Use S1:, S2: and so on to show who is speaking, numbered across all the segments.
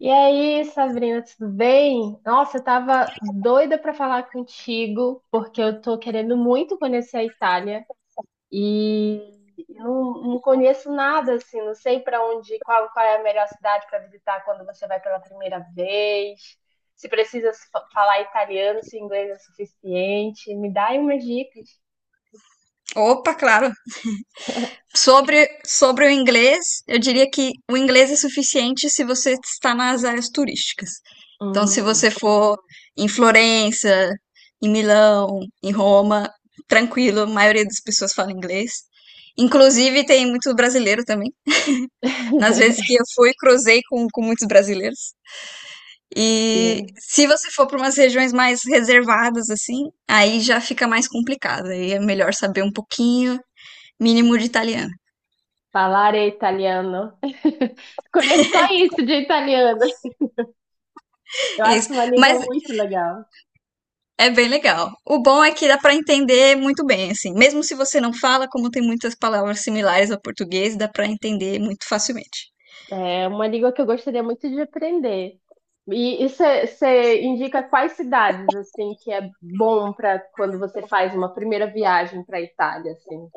S1: E aí, Sabrina, tudo bem? Nossa, eu tava doida pra falar contigo, porque eu tô querendo muito conhecer a Itália e não conheço nada assim, não sei pra onde, qual é a melhor cidade pra visitar quando você vai pela primeira vez. Se precisa se fa- falar italiano, se inglês é suficiente, me dá aí umas dicas.
S2: Opa, claro. Sobre o inglês, eu diria que o inglês é suficiente se você está nas áreas turísticas. Então, se
S1: Hum.
S2: você for em Florença, em Milão, em Roma, tranquilo, a maioria das pessoas fala inglês. Inclusive, tem muito brasileiro também. Nas vezes que eu fui, cruzei com muitos brasileiros. E
S1: Sim,
S2: se você for para umas regiões mais reservadas, assim, aí já fica mais complicado. Aí é melhor saber um pouquinho, mínimo de italiano.
S1: falar italiano. Conheço só isso de italiano. Eu
S2: Isso,
S1: acho uma
S2: mas
S1: língua muito legal.
S2: é bem legal. O bom é que dá para entender muito bem, assim. Mesmo se você não fala, como tem muitas palavras similares ao português, dá para entender muito facilmente.
S1: É uma língua que eu gostaria muito de aprender. E você indica quais cidades assim que é bom para quando você faz uma primeira viagem para Itália assim?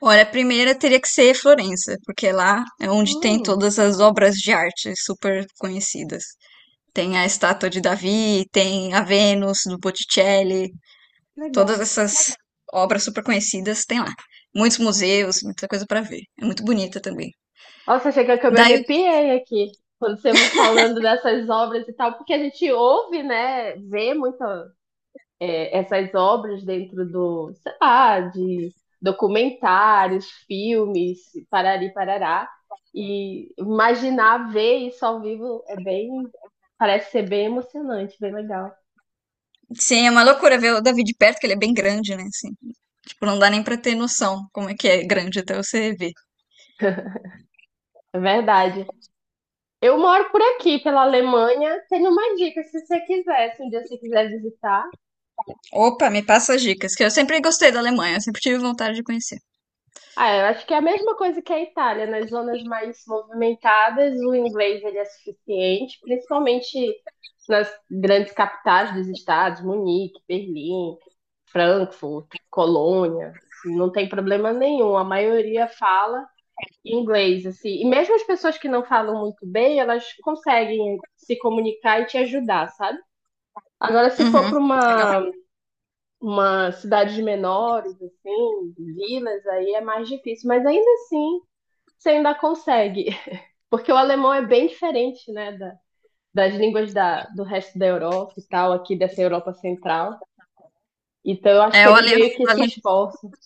S2: Olha, a primeira teria que ser Florença, porque lá é onde tem
S1: Hum,
S2: todas as obras de arte super conhecidas. Tem a estátua de Davi, tem a Vênus do Botticelli, todas
S1: legal.
S2: essas obras super conhecidas tem lá. Muitos museus, muita coisa para ver. É muito bonita também.
S1: Nossa, chega que eu me
S2: Daí,
S1: arrepiei aqui quando você vai falando dessas obras e tal, porque a gente ouve, né, vê muito essas obras dentro do, sei lá, de documentários, filmes, parari parará, e imaginar ver isso ao vivo é bem, parece ser bem emocionante, bem legal.
S2: sim, é uma loucura ver o Davi de perto, que ele é bem grande, né? Assim. Tipo, não dá nem pra ter noção como é que é grande até você ver.
S1: É verdade. Eu moro por aqui, pela Alemanha. Tenho mais dicas se você quiser, se um dia você quiser visitar.
S2: Opa, me passa as dicas, que eu sempre gostei da Alemanha, eu sempre tive vontade de conhecer.
S1: Ah, eu acho que é a mesma coisa que a Itália. Nas zonas mais movimentadas, o inglês ele é suficiente, principalmente nas grandes capitais dos estados, Munique, Berlim, Frankfurt, Colônia. Assim, não tem problema nenhum. A maioria fala inglês, assim. E mesmo as pessoas que não falam muito bem, elas conseguem se comunicar e te ajudar, sabe? Agora, se for
S2: Uhum,
S1: para
S2: legal.
S1: uma cidades menores, assim, vilas, aí é mais difícil. Mas ainda assim você ainda consegue. Porque o alemão é bem diferente, né, da, das línguas da, do resto da Europa e tal, aqui dessa Europa Central. Então, eu acho
S2: É,
S1: que eles meio que se esforçam.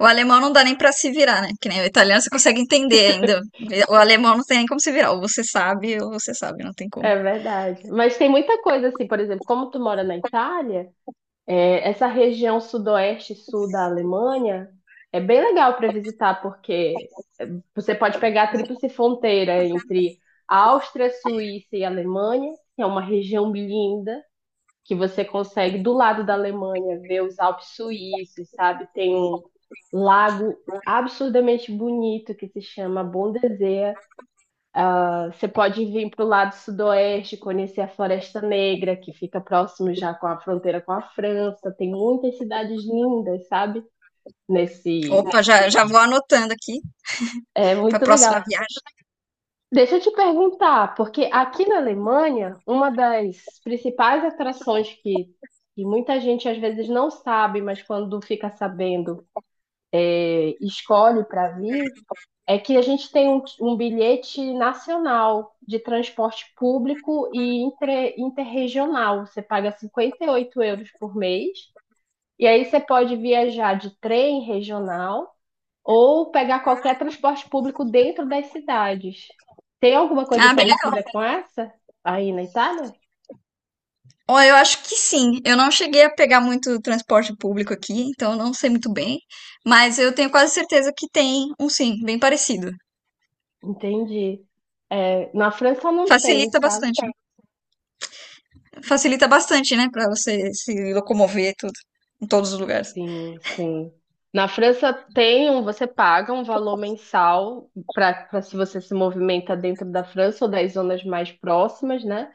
S2: o alemão não dá nem pra se virar, né? Que nem o italiano você consegue entender ainda. O alemão não tem nem como se virar. Ou você sabe, não tem como.
S1: É verdade. Mas tem muita coisa assim, por exemplo, como tu mora na Itália, essa região sudoeste e sul da Alemanha é bem legal para visitar, porque é, você pode pegar a tríplice fronteira entre Áustria, Suíça e Alemanha, que é uma região linda. Que você consegue, do lado da Alemanha, ver os Alpes suíços, sabe? Tem um lago absurdamente bonito que se chama Bondesee. Ah, você pode vir para o lado sudoeste, conhecer a Floresta Negra, que fica próximo já com a fronteira com a França. Tem muitas cidades lindas, sabe? Nesse.
S2: Opa, já vou anotando aqui
S1: É
S2: pra
S1: muito legal.
S2: próxima viagem.
S1: Deixa eu te perguntar, porque aqui na Alemanha, uma das principais atrações que muita gente às vezes não sabe, mas quando fica sabendo escolhe para vir é que a gente tem um bilhete nacional de transporte público e interregional. Você paga 58 euros por mês, e aí você pode viajar de trem regional ou pegar qualquer transporte público dentro das cidades. Tem alguma coisa
S2: Ah, bem legal.
S1: parecida com essa aí na Itália?
S2: Ó, eu acho que sim. Eu não cheguei a pegar muito transporte público aqui, então eu não sei muito bem. Mas eu tenho quase certeza que tem um sim, bem parecido.
S1: Entendi. É, na França não tem,
S2: Facilita
S1: sabe?
S2: bastante. Facilita bastante, né? Pra você se locomover e tudo. Em todos os lugares.
S1: Sim, sim. Na França tem um, você paga um valor mensal para se você se movimenta dentro da França ou das zonas mais próximas, né?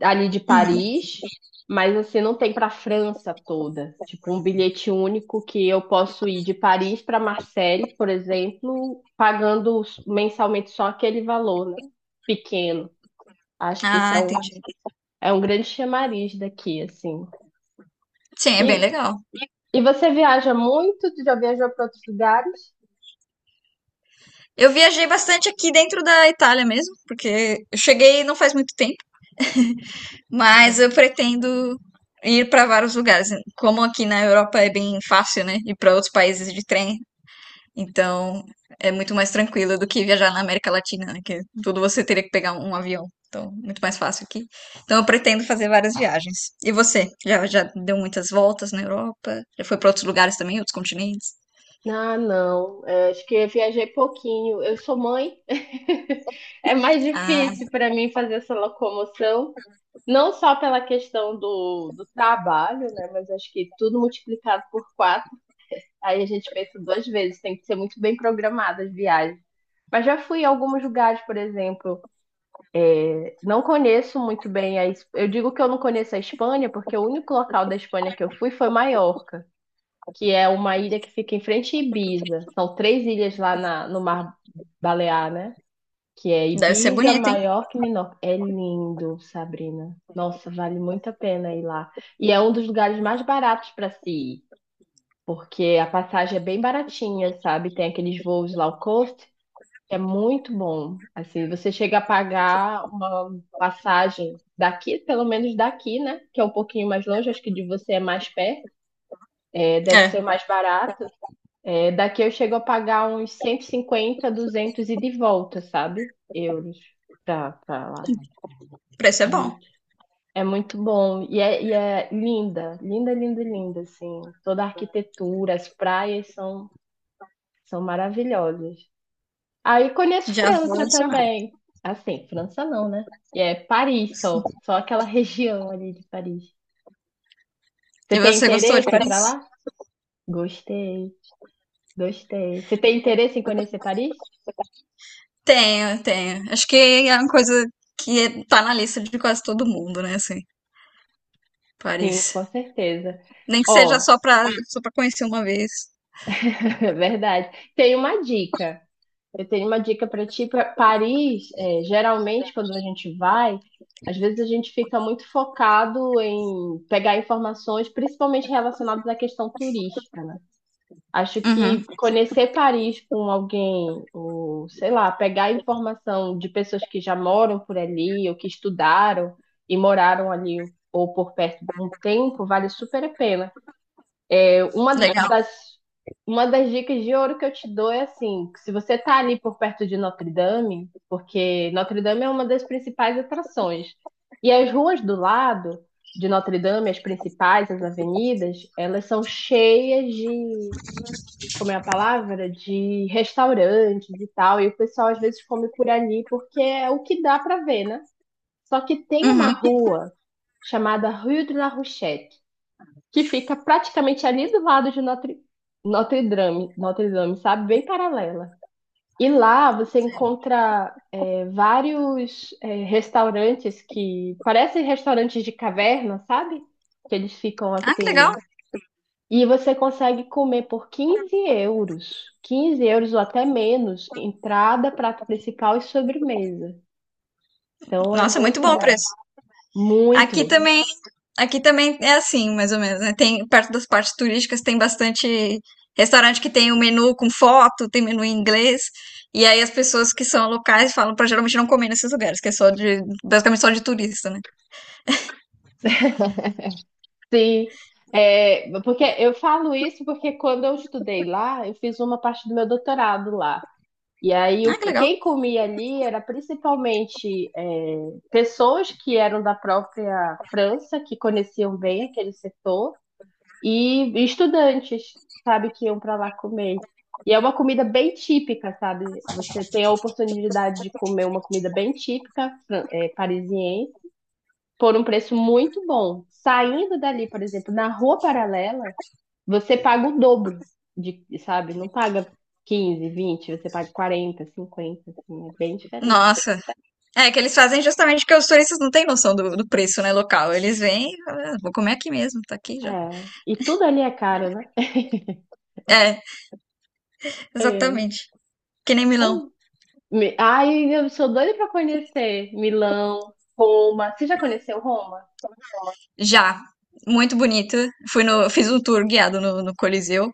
S1: Ali de
S2: Uhum.
S1: Paris, mas assim não tem para a França toda. Tipo um bilhete único que eu posso ir de Paris para Marseille, por exemplo, pagando mensalmente só aquele valor, né? Pequeno. Acho que isso
S2: Ah, entendi.
S1: é um grande chamariz daqui, assim.
S2: Sim, é bem
S1: E,
S2: legal.
S1: e você viaja muito? Já viajou para outros lugares?
S2: Eu viajei bastante aqui dentro da Itália mesmo, porque eu cheguei não faz muito tempo, mas eu pretendo ir para vários lugares. Como aqui na Europa é bem fácil, né? Ir para outros países de trem, então, é muito mais tranquilo do que viajar na América Latina, né? Que tudo você teria que pegar um avião. Então, muito mais fácil aqui. Então, eu pretendo fazer várias viagens. E você? Já deu muitas voltas na Europa? Já foi para outros lugares também, outros continentes?
S1: Ah, não. É, acho que eu viajei pouquinho. Eu sou mãe. É mais
S2: Ah,
S1: difícil para mim fazer essa locomoção, não só pela questão do trabalho, né? Mas acho que tudo multiplicado por quatro, aí a gente pensa duas vezes. Tem que ser muito bem programada as viagens. Mas já fui em alguns lugares, por exemplo. Não conheço muito bem a. Es- Eu digo que eu não conheço a Espanha, porque o único local da Espanha que eu fui foi Maiorca, que é uma ilha que fica em frente a Ibiza. São três ilhas lá no Mar Balear, né? Que é
S2: deve ser
S1: Ibiza,
S2: bonito, hein?
S1: Maiorca e Menorca. É lindo, Sabrina. Nossa, vale muito a pena ir lá. E é um dos lugares mais baratos para se ir, porque a passagem é bem baratinha, sabe? Tem aqueles voos low cost, que é muito bom. Assim, você chega a pagar uma passagem daqui, pelo menos daqui, né? Que é um pouquinho mais longe, acho que de você é mais perto. É, deve
S2: É,
S1: ser mais barato. É, daqui eu chego a pagar uns 150, 200 e de volta, sabe? Euros pra lá.
S2: o preço é
S1: É
S2: bom.
S1: muito, é muito bom. E é linda, linda, linda, linda, assim. Toda a arquitetura, as praias são, são maravilhosas. Aí conheço
S2: Já vou
S1: França
S2: adicionar.
S1: também. Assim, França não, né? E é Paris só, só aquela região ali de Paris. Você
S2: E
S1: tem
S2: você gostou de
S1: interesse em ir pra
S2: Paris?
S1: lá? Gostei, gostei. Você tem interesse em conhecer Paris?
S2: Tenho, tenho. Acho que é uma coisa que tá na lista de quase todo mundo, né? Assim, Paris.
S1: Sim, com certeza.
S2: Nem que seja
S1: Ó,
S2: só para conhecer uma vez.
S1: é verdade. Tem uma dica. Eu tenho uma dica para ti. Pra Paris, é, geralmente, quando a gente vai, às vezes a gente fica muito focado em pegar informações, principalmente relacionadas à questão turística, né? Acho
S2: Uhum,
S1: que conhecer Paris com alguém, ou sei lá, pegar informação de pessoas que já moram por ali, ou que estudaram e moraram ali, ou por perto de um tempo, vale super a pena. Uma
S2: legal.
S1: das, uma das dicas de ouro que eu te dou é assim, que se você tá ali por perto de Notre Dame, porque Notre Dame é uma das principais atrações. E as ruas do lado de Notre Dame, as principais, as avenidas, elas são cheias de, como é a palavra? De restaurantes e tal. E o pessoal às vezes come por ali porque é o que dá para ver, né? Só que tem uma
S2: Uhum.
S1: rua chamada Rue de la Rochette que fica praticamente ali do lado de Notre Dame, sabe? Bem paralela. E lá você encontra vários restaurantes que parecem restaurantes de caverna, sabe? Que eles ficam
S2: Ah, que legal.
S1: assim. E você consegue comer por 15 euros, 15 euros ou até menos, entrada, prato principal e sobremesa. Então é
S2: Nossa, muito
S1: muito
S2: bom o
S1: bom.
S2: preço. Aqui
S1: Muito.
S2: também, aqui também é assim, mais ou menos, né? Tem, perto das partes turísticas tem bastante restaurante que tem o menu com foto, tem menu em inglês. E aí as pessoas que são locais falam pra geralmente não comer nesses lugares, que é só de, basicamente só de turista, né?
S1: Sim, é, porque eu falo isso porque quando eu estudei lá, eu fiz uma parte do meu doutorado lá. E aí, o-
S2: Ah, que legal.
S1: quem comia ali era principalmente pessoas que eram da própria França, que conheciam bem aquele setor, e estudantes, sabe, que iam para lá comer. E é uma comida bem típica, sabe? Você tem a oportunidade de comer uma comida bem típica, parisiense, por um preço muito bom. Saindo dali, por exemplo, na rua paralela, você paga o dobro de, sabe? Não paga 15, 20, você paga 40, 50, assim, é bem diferente.
S2: Nossa. É que eles fazem justamente porque os turistas não têm noção do preço, né, local. Eles vêm, e falam, ah, vou comer aqui mesmo, tá aqui já.
S1: É. E tudo ali é caro, né?
S2: É,
S1: É.
S2: exatamente. Que nem Milão.
S1: Foi. Me- Ai, eu sou doida pra conhecer Milão, Roma. Você já conheceu Roma?
S2: Já, muito bonito. Fui no, Fiz um tour guiado no Coliseu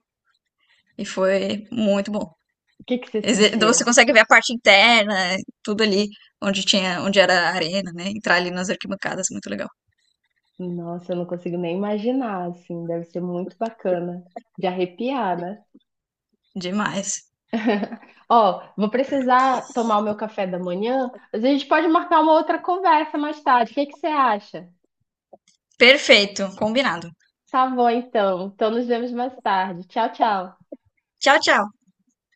S2: e foi muito bom.
S1: O que que você
S2: Então, você
S1: sentiu?
S2: consegue ver a parte interna, tudo ali onde tinha, onde era a arena, né? Entrar ali nas arquibancadas, muito legal.
S1: Nossa, eu não consigo nem imaginar, assim, deve ser muito bacana de arrepiar, né?
S2: Demais.
S1: Ó, vou precisar tomar o meu café da manhã, mas a gente pode marcar uma outra conversa mais tarde. O que que você acha?
S2: Perfeito, combinado.
S1: Tá bom, então. Então nos vemos mais tarde. Tchau, tchau.
S2: Tchau, tchau.